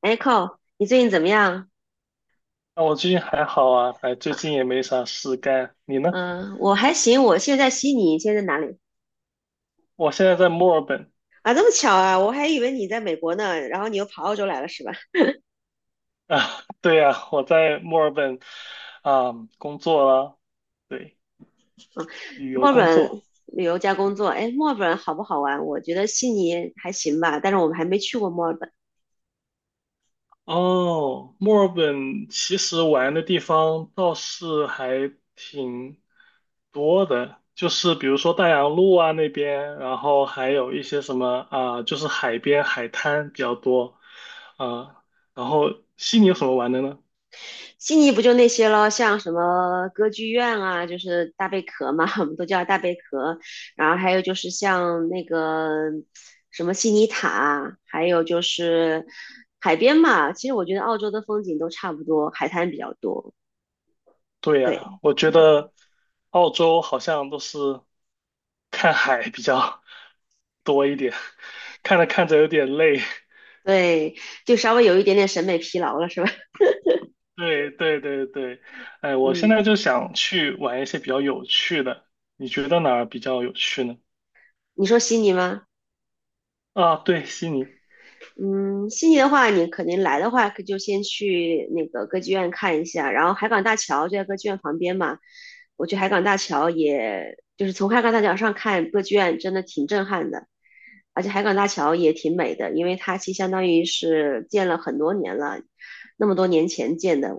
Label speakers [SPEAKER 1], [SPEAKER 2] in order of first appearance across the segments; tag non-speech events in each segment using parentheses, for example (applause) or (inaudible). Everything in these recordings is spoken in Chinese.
[SPEAKER 1] 哎 c o 你最近怎么样？
[SPEAKER 2] 啊，我最近还好啊，哎，最
[SPEAKER 1] 啊，
[SPEAKER 2] 近也没啥事干。你呢？
[SPEAKER 1] 嗯，我还行，我现在在悉尼，你现在在哪里？
[SPEAKER 2] 我现在在墨尔本。
[SPEAKER 1] 啊，这么巧啊，我还以为你在美国呢，然后你又跑澳洲来了是吧？
[SPEAKER 2] 啊，(laughs) 对呀，我在墨尔本啊工作了，对，旅
[SPEAKER 1] 墨
[SPEAKER 2] 游
[SPEAKER 1] 尔
[SPEAKER 2] 工
[SPEAKER 1] 本
[SPEAKER 2] 作。
[SPEAKER 1] 旅游加工作，哎，墨尔本好不好玩？我觉得悉尼还行吧，但是我们还没去过墨尔本。
[SPEAKER 2] 哦，墨尔本其实玩的地方倒是还挺多的，就是比如说大洋路啊那边，然后还有一些什么啊，就是海边海滩比较多，啊，然后悉尼有什么玩的呢？
[SPEAKER 1] 悉尼不就那些咯，像什么歌剧院啊，就是大贝壳嘛，(laughs) 我们都叫大贝壳。然后还有就是像那个什么悉尼塔，还有就是海边嘛。其实我觉得澳洲的风景都差不多，海滩比较多。
[SPEAKER 2] 对呀，
[SPEAKER 1] 对，
[SPEAKER 2] 我觉
[SPEAKER 1] 嗯，
[SPEAKER 2] 得澳洲好像都是看海比较多一点，(laughs) 看着看着有点累。(laughs)
[SPEAKER 1] 对，就稍微有一点点审美疲劳了，是吧？
[SPEAKER 2] 对对对对，哎，
[SPEAKER 1] (laughs)
[SPEAKER 2] 我现
[SPEAKER 1] 嗯，
[SPEAKER 2] 在就想去玩一些比较有趣的，你觉得哪儿比较有趣呢？
[SPEAKER 1] 你说悉尼吗？
[SPEAKER 2] 啊，对，悉尼。
[SPEAKER 1] 嗯，悉尼的话，你肯定来的话，可就先去那个歌剧院看一下，然后海港大桥就在歌剧院旁边嘛。我去海港大桥也，就是从海港大桥上看歌剧院，真的挺震撼的。而且海港大桥也挺美的，因为它其实相当于是建了很多年了，那么多年前建的，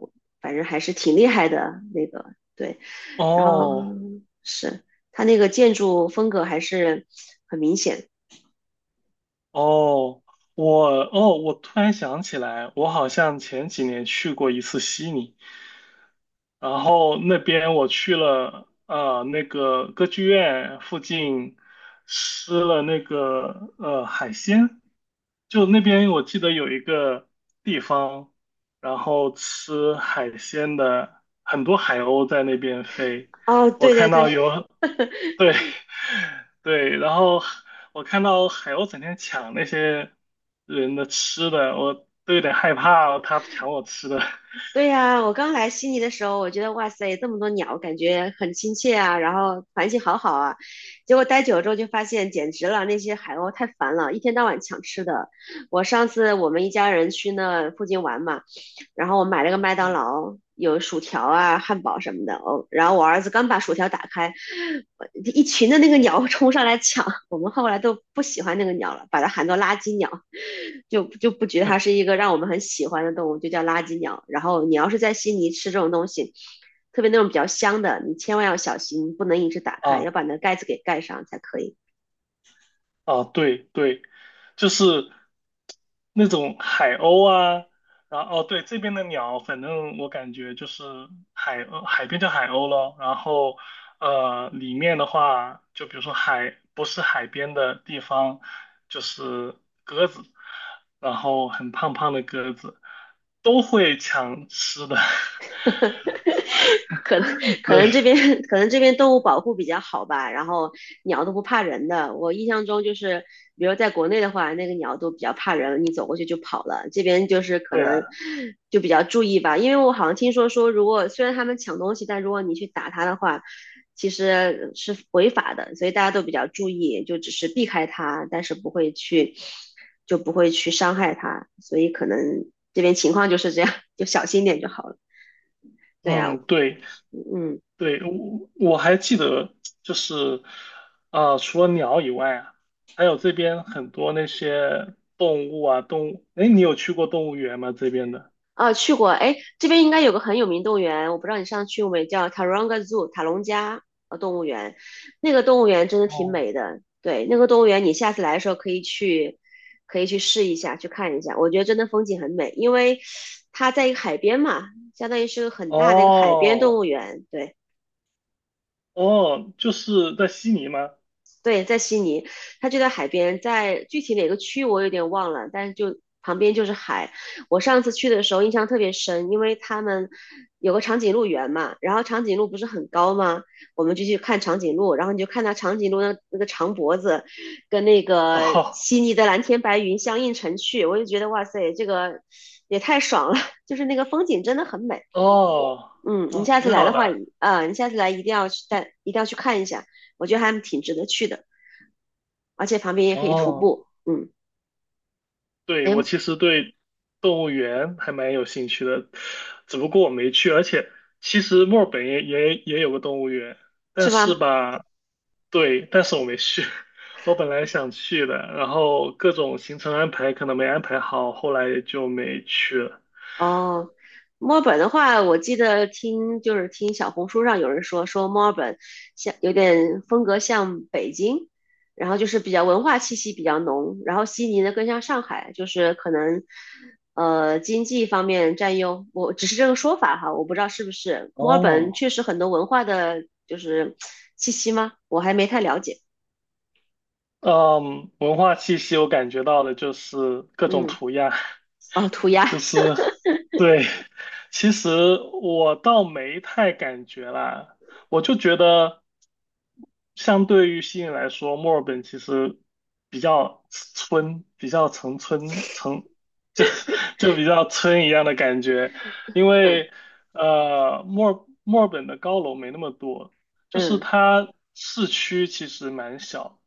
[SPEAKER 1] 反正还是挺厉害的那个。对，然后
[SPEAKER 2] 哦
[SPEAKER 1] 是它那个建筑风格还是很明显。
[SPEAKER 2] 哦，我，我突然想起来，我好像前几年去过一次悉尼。然后那边我去了，那个歌剧院附近吃了那个海鲜，就那边我记得有一个地方，然后吃海鲜的，很多海鸥在那边飞，
[SPEAKER 1] 哦，
[SPEAKER 2] 我
[SPEAKER 1] 对对
[SPEAKER 2] 看
[SPEAKER 1] 对，
[SPEAKER 2] 到有，对。 (laughs) 对，然后我看到海鸥整天抢那些人的吃的，我都有点害怕，它抢我吃的。
[SPEAKER 1] 对呀，我刚来悉尼的时候，我觉得哇塞，这么多鸟，感觉很亲切啊，然后环境好好啊。结果待久了之后就发现，简直了，那些海鸥太烦了，一天到晚抢吃的。我上次我们一家人去那附近玩嘛，然后我买了个麦
[SPEAKER 2] (laughs)
[SPEAKER 1] 当
[SPEAKER 2] 嗯，
[SPEAKER 1] 劳，有薯条啊、汉堡什么的。哦，然后我儿子刚把薯条打开，一群的那个鸟 (laughs) 冲上来抢，我们后来都不喜欢那个鸟了，把它喊作垃圾鸟，就不觉得它是一个让我们很喜欢的动物，就叫垃圾鸟。然后你要是在悉尼吃这种东西，特别那种比较香的，你千万要小心，不能一直打开，要
[SPEAKER 2] 啊，
[SPEAKER 1] 把那盖子给盖上才可以。
[SPEAKER 2] 啊，对对，就是那种海鸥啊，然后哦，对，这边的鸟，反正我感觉就是海鸥，海边叫海鸥咯，然后里面的话，就比如说海，不是海边的地方，就是鸽子，然后很胖胖的鸽子都会抢吃的，
[SPEAKER 1] (laughs) 可能
[SPEAKER 2] (laughs)
[SPEAKER 1] 可
[SPEAKER 2] 对
[SPEAKER 1] 能这边可能这边动物保护比较好吧，然后鸟都不怕人的。我印象中就是，比如在国内的话，那个鸟都比较怕人，你走过去就跑了。这边就是可
[SPEAKER 2] 对啊，
[SPEAKER 1] 能就比较注意吧，因为我好像听说说，如果虽然他们抢东西，但如果你去打它的话，其实是违法的，所以大家都比较注意，就只是避开它，但是不会去就不会去伤害它，所以可能这边情况就是这样，就小心点就好了。对呀，
[SPEAKER 2] 嗯，对。
[SPEAKER 1] 嗯，
[SPEAKER 2] 对，我还记得，就是啊，除了鸟以外啊，还有这边很多那些动物啊，动物。哎，你有去过动物园吗？这边的？
[SPEAKER 1] 啊，去过，哎，这边应该有个很有名动物园，我不知道你上次去过没，叫 Taronga Zoo 塔隆加动物园，那个动物园真的挺
[SPEAKER 2] 哦，
[SPEAKER 1] 美的，对，那个动物园你下次来的时候可以去，可以去试一下，去看一下，我觉得真的风景很美，因为它在一个海边嘛，相当于是个很大的一个海边动
[SPEAKER 2] 哦
[SPEAKER 1] 物园，对。
[SPEAKER 2] 哦，就是在悉尼吗？
[SPEAKER 1] 对，在悉尼，它就在海边，在具体哪个区我有点忘了，但是就旁边就是海。我上次去的时候印象特别深，因为他们有个长颈鹿园嘛，然后长颈鹿不是很高吗？我们就去看长颈鹿，然后你就看到长颈鹿那个长脖子，跟那个
[SPEAKER 2] 哦
[SPEAKER 1] 悉尼的蓝天白云相映成趣，我就觉得哇塞，这个也太爽了，(laughs) 就是那个风景真的很美。
[SPEAKER 2] 哦
[SPEAKER 1] 嗯，你
[SPEAKER 2] 哦，
[SPEAKER 1] 下次
[SPEAKER 2] 挺
[SPEAKER 1] 来
[SPEAKER 2] 好
[SPEAKER 1] 的话，
[SPEAKER 2] 的。
[SPEAKER 1] 啊，你下次来一定要去带，一定要去看一下，我觉得还挺值得去的。而且旁边也可以徒
[SPEAKER 2] 哦，
[SPEAKER 1] 步。嗯，
[SPEAKER 2] 对，
[SPEAKER 1] 诶，
[SPEAKER 2] 我其实对动物园还蛮有兴趣的，只不过我没去。而且其实墨尔本也有个动物园，但
[SPEAKER 1] 是吧？
[SPEAKER 2] 是吧，对，但是我没去。(laughs) 我本来想去的，然后各种行程安排可能没安排好，后来也就没去了。
[SPEAKER 1] 哦，墨尔本的话，我记得听就是听小红书上有人说，说墨尔本像有点风格像北京，然后就是比较文化气息比较浓，然后悉尼呢更像上海，就是可能经济方面占优。我只是这个说法哈，我不知道是不是墨尔本
[SPEAKER 2] 哦，
[SPEAKER 1] 确实很多文化的就是气息吗？我还没太了解。
[SPEAKER 2] 嗯，文化气息我感觉到的就是各种
[SPEAKER 1] 嗯，
[SPEAKER 2] 涂鸦，(laughs)
[SPEAKER 1] 哦，涂鸦，
[SPEAKER 2] 就是对，其实我倒没太感觉啦，我就觉得相对于悉尼来说，墨尔本其实比较村，比较城村城，就就比较村一样的感觉，因
[SPEAKER 1] (laughs) 嗯，
[SPEAKER 2] 为墨尔本的高楼没那么多，就是
[SPEAKER 1] 嗯。
[SPEAKER 2] 它市区其实蛮小。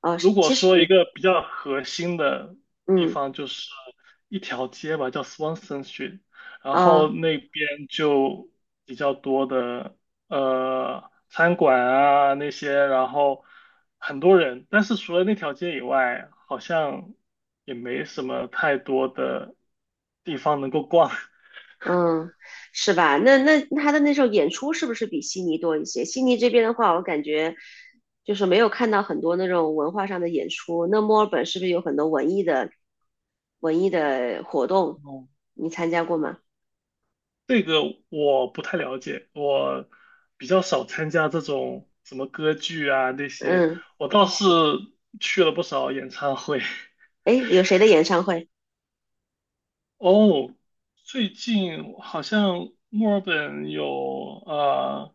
[SPEAKER 1] 哦，
[SPEAKER 2] 如果
[SPEAKER 1] 其实
[SPEAKER 2] 说一个比较核心的地
[SPEAKER 1] 嗯，
[SPEAKER 2] 方，就是一条街吧，叫 Swanson Street，然后
[SPEAKER 1] 啊，
[SPEAKER 2] 那边就比较多的餐馆啊那些，然后很多人，但是除了那条街以外，好像也没什么太多的地方能够逛。
[SPEAKER 1] 嗯，是吧？那他的那时候演出是不是比悉尼多一些？悉尼这边的话，我感觉就是没有看到很多那种文化上的演出。那墨尔本是不是有很多文艺的活动？
[SPEAKER 2] (laughs) 哦，
[SPEAKER 1] 你参加过吗？
[SPEAKER 2] 这个我不太了解，我比较少参加这种什么歌剧啊那些，
[SPEAKER 1] 嗯，
[SPEAKER 2] 我倒是去了不少演唱会。(laughs)
[SPEAKER 1] 诶，有谁的演唱会？
[SPEAKER 2] 哦，最近好像墨尔本有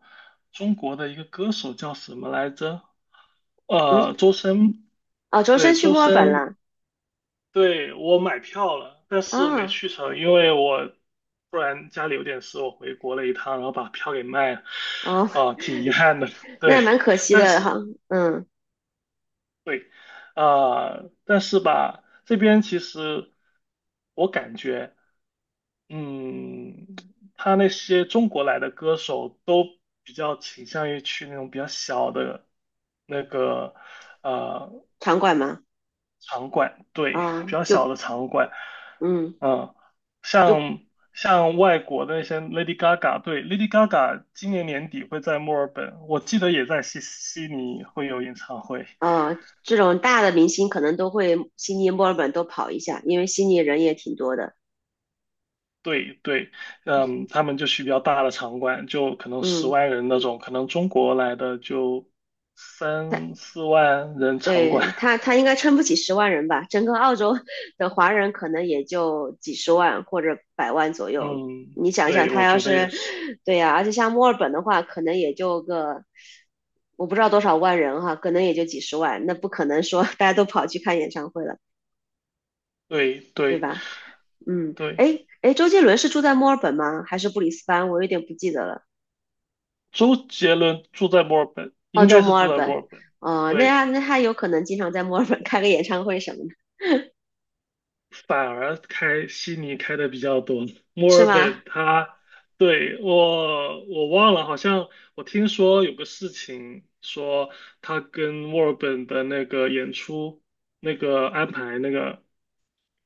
[SPEAKER 2] 中国的一个歌手叫什么来着？
[SPEAKER 1] 你
[SPEAKER 2] 周深，
[SPEAKER 1] 哦，周深
[SPEAKER 2] 对，
[SPEAKER 1] 去
[SPEAKER 2] 周
[SPEAKER 1] 墨尔本
[SPEAKER 2] 深。
[SPEAKER 1] 了
[SPEAKER 2] 对，我买票了，但是没
[SPEAKER 1] 啊？
[SPEAKER 2] 去成，因为我突然家里有点事，我回国了一趟，然后把票给卖了，
[SPEAKER 1] 哦，
[SPEAKER 2] 啊、挺遗憾的。(laughs)
[SPEAKER 1] 那也
[SPEAKER 2] 对，
[SPEAKER 1] 蛮可惜
[SPEAKER 2] 但
[SPEAKER 1] 的
[SPEAKER 2] 是
[SPEAKER 1] 哈。嗯，
[SPEAKER 2] 对，啊、但是吧，这边其实我感觉，嗯，他那些中国来的歌手都比较倾向于去那种比较小的那个。呃
[SPEAKER 1] 场馆嘛，
[SPEAKER 2] 场馆，对，比
[SPEAKER 1] 啊，
[SPEAKER 2] 较小
[SPEAKER 1] 就，
[SPEAKER 2] 的场馆，
[SPEAKER 1] 嗯。
[SPEAKER 2] 嗯，
[SPEAKER 1] 就。
[SPEAKER 2] 像像外国的那些 Lady Gaga，对，Lady Gaga 今年年底会在墨尔本，我记得也在悉尼会有演唱会，
[SPEAKER 1] 呃，这种大的明星可能都会悉尼、墨尔本都跑一下，因为悉尼人也挺多的。
[SPEAKER 2] 对对，嗯，他们就去比较大的场馆，就可能十
[SPEAKER 1] 嗯，
[SPEAKER 2] 万人那种，可能中国来的就
[SPEAKER 1] 他
[SPEAKER 2] 三四万人场馆，
[SPEAKER 1] 对，他应该撑不起10万人吧？整个澳洲的华人可能也就几十万或者百万左
[SPEAKER 2] (laughs)
[SPEAKER 1] 右。
[SPEAKER 2] 嗯，
[SPEAKER 1] 你想想，
[SPEAKER 2] 对，
[SPEAKER 1] 他
[SPEAKER 2] 我
[SPEAKER 1] 要
[SPEAKER 2] 觉得也
[SPEAKER 1] 是
[SPEAKER 2] 是，
[SPEAKER 1] 对呀、而且像墨尔本的话，可能也就个我不知道多少万人哈，可能也就几十万，那不可能说大家都跑去看演唱会了，
[SPEAKER 2] 对
[SPEAKER 1] 对
[SPEAKER 2] 对。
[SPEAKER 1] 吧？嗯，哎
[SPEAKER 2] 对，
[SPEAKER 1] 哎，诶周杰伦是住在墨尔本吗？还是布里斯班？我有点不记得了。
[SPEAKER 2] 周杰伦住在墨尔本，
[SPEAKER 1] 澳
[SPEAKER 2] 应
[SPEAKER 1] 洲
[SPEAKER 2] 该是
[SPEAKER 1] 墨
[SPEAKER 2] 住
[SPEAKER 1] 尔
[SPEAKER 2] 在墨
[SPEAKER 1] 本，
[SPEAKER 2] 尔本。
[SPEAKER 1] 哦，那他
[SPEAKER 2] 对，
[SPEAKER 1] 那他有可能经常在墨尔本开个演唱会什么的，
[SPEAKER 2] 反而开悉尼开的比较多，墨
[SPEAKER 1] 是
[SPEAKER 2] 尔
[SPEAKER 1] 吗？
[SPEAKER 2] 本它对，我忘了，好像我听说有个事情，说它跟墨尔本的那个演出那个安排那个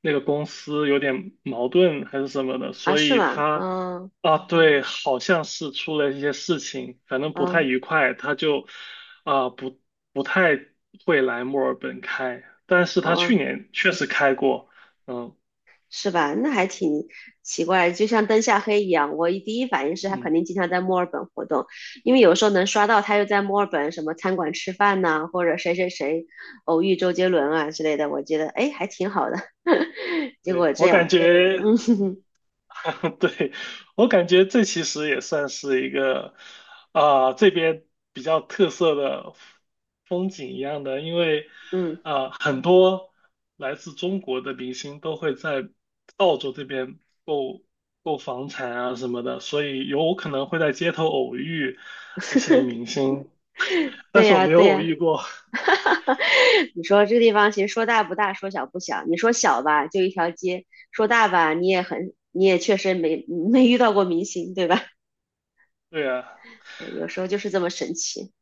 [SPEAKER 2] 那个公司有点矛盾还是什么的，
[SPEAKER 1] 啊，
[SPEAKER 2] 所
[SPEAKER 1] 是
[SPEAKER 2] 以
[SPEAKER 1] 吗？
[SPEAKER 2] 它
[SPEAKER 1] 嗯
[SPEAKER 2] 啊对，好像是出了一些事情，反正不太
[SPEAKER 1] 嗯，
[SPEAKER 2] 愉快，他就啊不不太会来墨尔本开，但是他去
[SPEAKER 1] 哦，
[SPEAKER 2] 年确实开过。嗯
[SPEAKER 1] 是吧？那还挺奇怪，就像灯下黑一样。我第一反应是他肯
[SPEAKER 2] 嗯，
[SPEAKER 1] 定经常在墨尔本活动，因为有时候能刷到他又在墨尔本什么餐馆吃饭呐、或者谁谁谁偶遇周杰伦啊之类的，我觉得哎还挺好的。(laughs) 结
[SPEAKER 2] 对，
[SPEAKER 1] 果这
[SPEAKER 2] 我感
[SPEAKER 1] 样，(laughs)
[SPEAKER 2] 觉，
[SPEAKER 1] 嗯，
[SPEAKER 2] (laughs) 对，我感觉这其实也算是一个，啊、这边比较特色的风景一样的，因为，
[SPEAKER 1] 嗯，
[SPEAKER 2] 啊、很多来自中国的明星都会在澳洲这边购购房产啊什么的，所以有可能会在街头偶遇这些明星，但
[SPEAKER 1] 对
[SPEAKER 2] 是我
[SPEAKER 1] 呀
[SPEAKER 2] 没有
[SPEAKER 1] 对
[SPEAKER 2] 偶
[SPEAKER 1] 呀。
[SPEAKER 2] 遇过，
[SPEAKER 1] (laughs) 你说这地方其实说大不大，说小不小。你说小吧，就一条街；说大吧，你也很，你也确实没遇到过明星，对吧？
[SPEAKER 2] (laughs) 对啊。
[SPEAKER 1] 有时候就是这么神奇。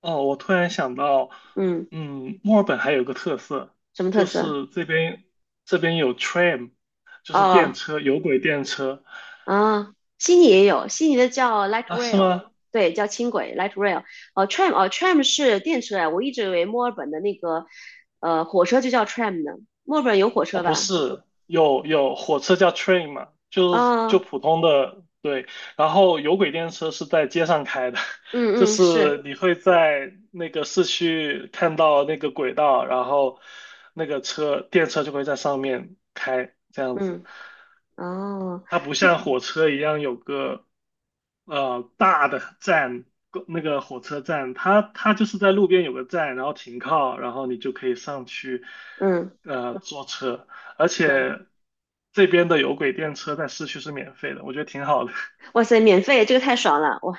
[SPEAKER 2] 哦，我突然想到，
[SPEAKER 1] 嗯，
[SPEAKER 2] 嗯，墨尔本还有个特色，
[SPEAKER 1] 什么特
[SPEAKER 2] 就
[SPEAKER 1] 色？
[SPEAKER 2] 是这边有 t r a i n 就是电
[SPEAKER 1] 哦，
[SPEAKER 2] 车，有轨电车。
[SPEAKER 1] 啊，悉尼也有，悉尼的叫 light
[SPEAKER 2] 啊，是
[SPEAKER 1] rail，
[SPEAKER 2] 吗？
[SPEAKER 1] 对，叫轻轨 light rail。哦，tram，哦，tram 是电车呀，我一直以为墨尔本的那个火车就叫 tram 呢。墨尔本有火
[SPEAKER 2] 哦，
[SPEAKER 1] 车
[SPEAKER 2] 不
[SPEAKER 1] 吧？
[SPEAKER 2] 是，有有火车叫 train 嘛，就是就
[SPEAKER 1] 啊、
[SPEAKER 2] 普通的，对，然后有轨电车是在街上开的，(laughs) 就
[SPEAKER 1] 嗯嗯是，
[SPEAKER 2] 是你会在那个市区看到那个轨道，然后那个车电车就会在上面开，这样子。
[SPEAKER 1] 嗯，哦，
[SPEAKER 2] 它不像火车一样有个大的站，公那个火车站，它它就是在路边有个站，然后停靠，然后你就可以上去
[SPEAKER 1] 嗯。
[SPEAKER 2] 坐车，而
[SPEAKER 1] 嗯，
[SPEAKER 2] 且这边的有轨电车在市区是免费的，我觉得挺好的。(laughs)
[SPEAKER 1] 哇塞，免费，这个太爽了，哇，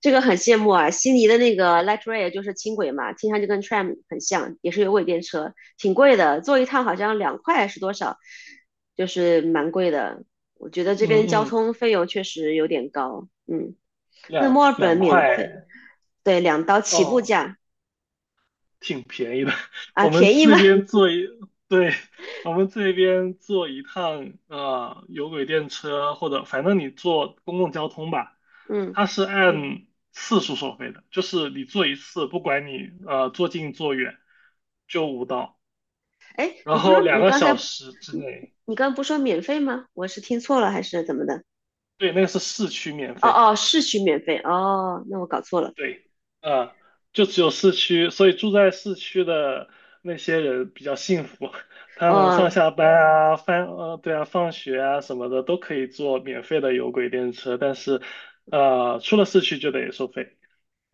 [SPEAKER 1] 这个很羡慕啊。悉尼的那个 light rail 就是轻轨嘛，听上去跟 tram 很像，也是有轨电车，挺贵的，坐一趟好像两块是多少，就是蛮贵的。我觉得这
[SPEAKER 2] 嗯
[SPEAKER 1] 边交
[SPEAKER 2] 嗯，
[SPEAKER 1] 通费用确实有点高，嗯。那
[SPEAKER 2] 两
[SPEAKER 1] 墨尔本
[SPEAKER 2] 两
[SPEAKER 1] 免费，
[SPEAKER 2] 块
[SPEAKER 1] 对，2刀起步
[SPEAKER 2] 哦。
[SPEAKER 1] 价
[SPEAKER 2] 挺便宜的。(laughs)
[SPEAKER 1] 啊，
[SPEAKER 2] 我们
[SPEAKER 1] 便宜吗？
[SPEAKER 2] 这边坐一，对，我们这边坐一趟有轨电车或者反正你坐公共交通吧，
[SPEAKER 1] 嗯，
[SPEAKER 2] 它是嗯按次数收费的，就是你坐一次，不管你坐近坐远，就五刀，
[SPEAKER 1] 哎，
[SPEAKER 2] 然
[SPEAKER 1] 你不
[SPEAKER 2] 后
[SPEAKER 1] 说
[SPEAKER 2] 两
[SPEAKER 1] 你
[SPEAKER 2] 个
[SPEAKER 1] 刚才，
[SPEAKER 2] 小时之
[SPEAKER 1] 你
[SPEAKER 2] 内，
[SPEAKER 1] 你刚刚不说免费吗？我是听错了还是怎么的？
[SPEAKER 2] 对，那个是市区免
[SPEAKER 1] 哦
[SPEAKER 2] 费。
[SPEAKER 1] 哦，市区免费哦，那我搞错了。
[SPEAKER 2] 对，啊，就只有市区，所以住在市区的那些人比较幸福，(laughs) 他们上
[SPEAKER 1] 哦，
[SPEAKER 2] 下班啊、翻对啊、放学啊什么的都可以坐免费的有轨电车，但是出了市区就得收费。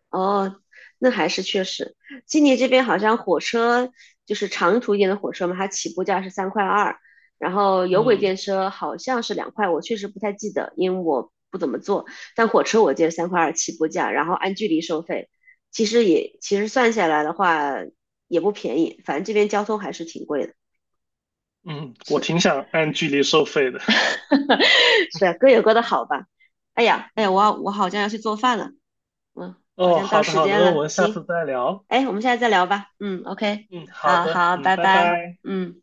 [SPEAKER 1] 哦，那还是确实，悉尼这边好像火车就是长途一点的火车嘛，它起步价是三块二，然后有轨
[SPEAKER 2] 嗯
[SPEAKER 1] 电车好像是两块，我确实不太记得，因为我不怎么坐。但火车我记得三块二起步价，然后按距离收费，其实也其实算下来的话也不便宜，反正这边交通还是挺贵的。
[SPEAKER 2] 嗯，我
[SPEAKER 1] 是
[SPEAKER 2] 挺想按距离收费的。
[SPEAKER 1] (laughs) 是啊，各有各的好吧。哎呀，哎呀，我好像要去做饭了，嗯，
[SPEAKER 2] (laughs)
[SPEAKER 1] 好
[SPEAKER 2] 哦，
[SPEAKER 1] 像到
[SPEAKER 2] 好的
[SPEAKER 1] 时
[SPEAKER 2] 好的，
[SPEAKER 1] 间
[SPEAKER 2] 那
[SPEAKER 1] 了，
[SPEAKER 2] 我们下次
[SPEAKER 1] 行，
[SPEAKER 2] 再聊。
[SPEAKER 1] 哎，我们现在再聊吧。嗯，OK，
[SPEAKER 2] 嗯，好
[SPEAKER 1] 好
[SPEAKER 2] 的，
[SPEAKER 1] 好，
[SPEAKER 2] 嗯，
[SPEAKER 1] 拜
[SPEAKER 2] 拜
[SPEAKER 1] 拜。
[SPEAKER 2] 拜。
[SPEAKER 1] 嗯。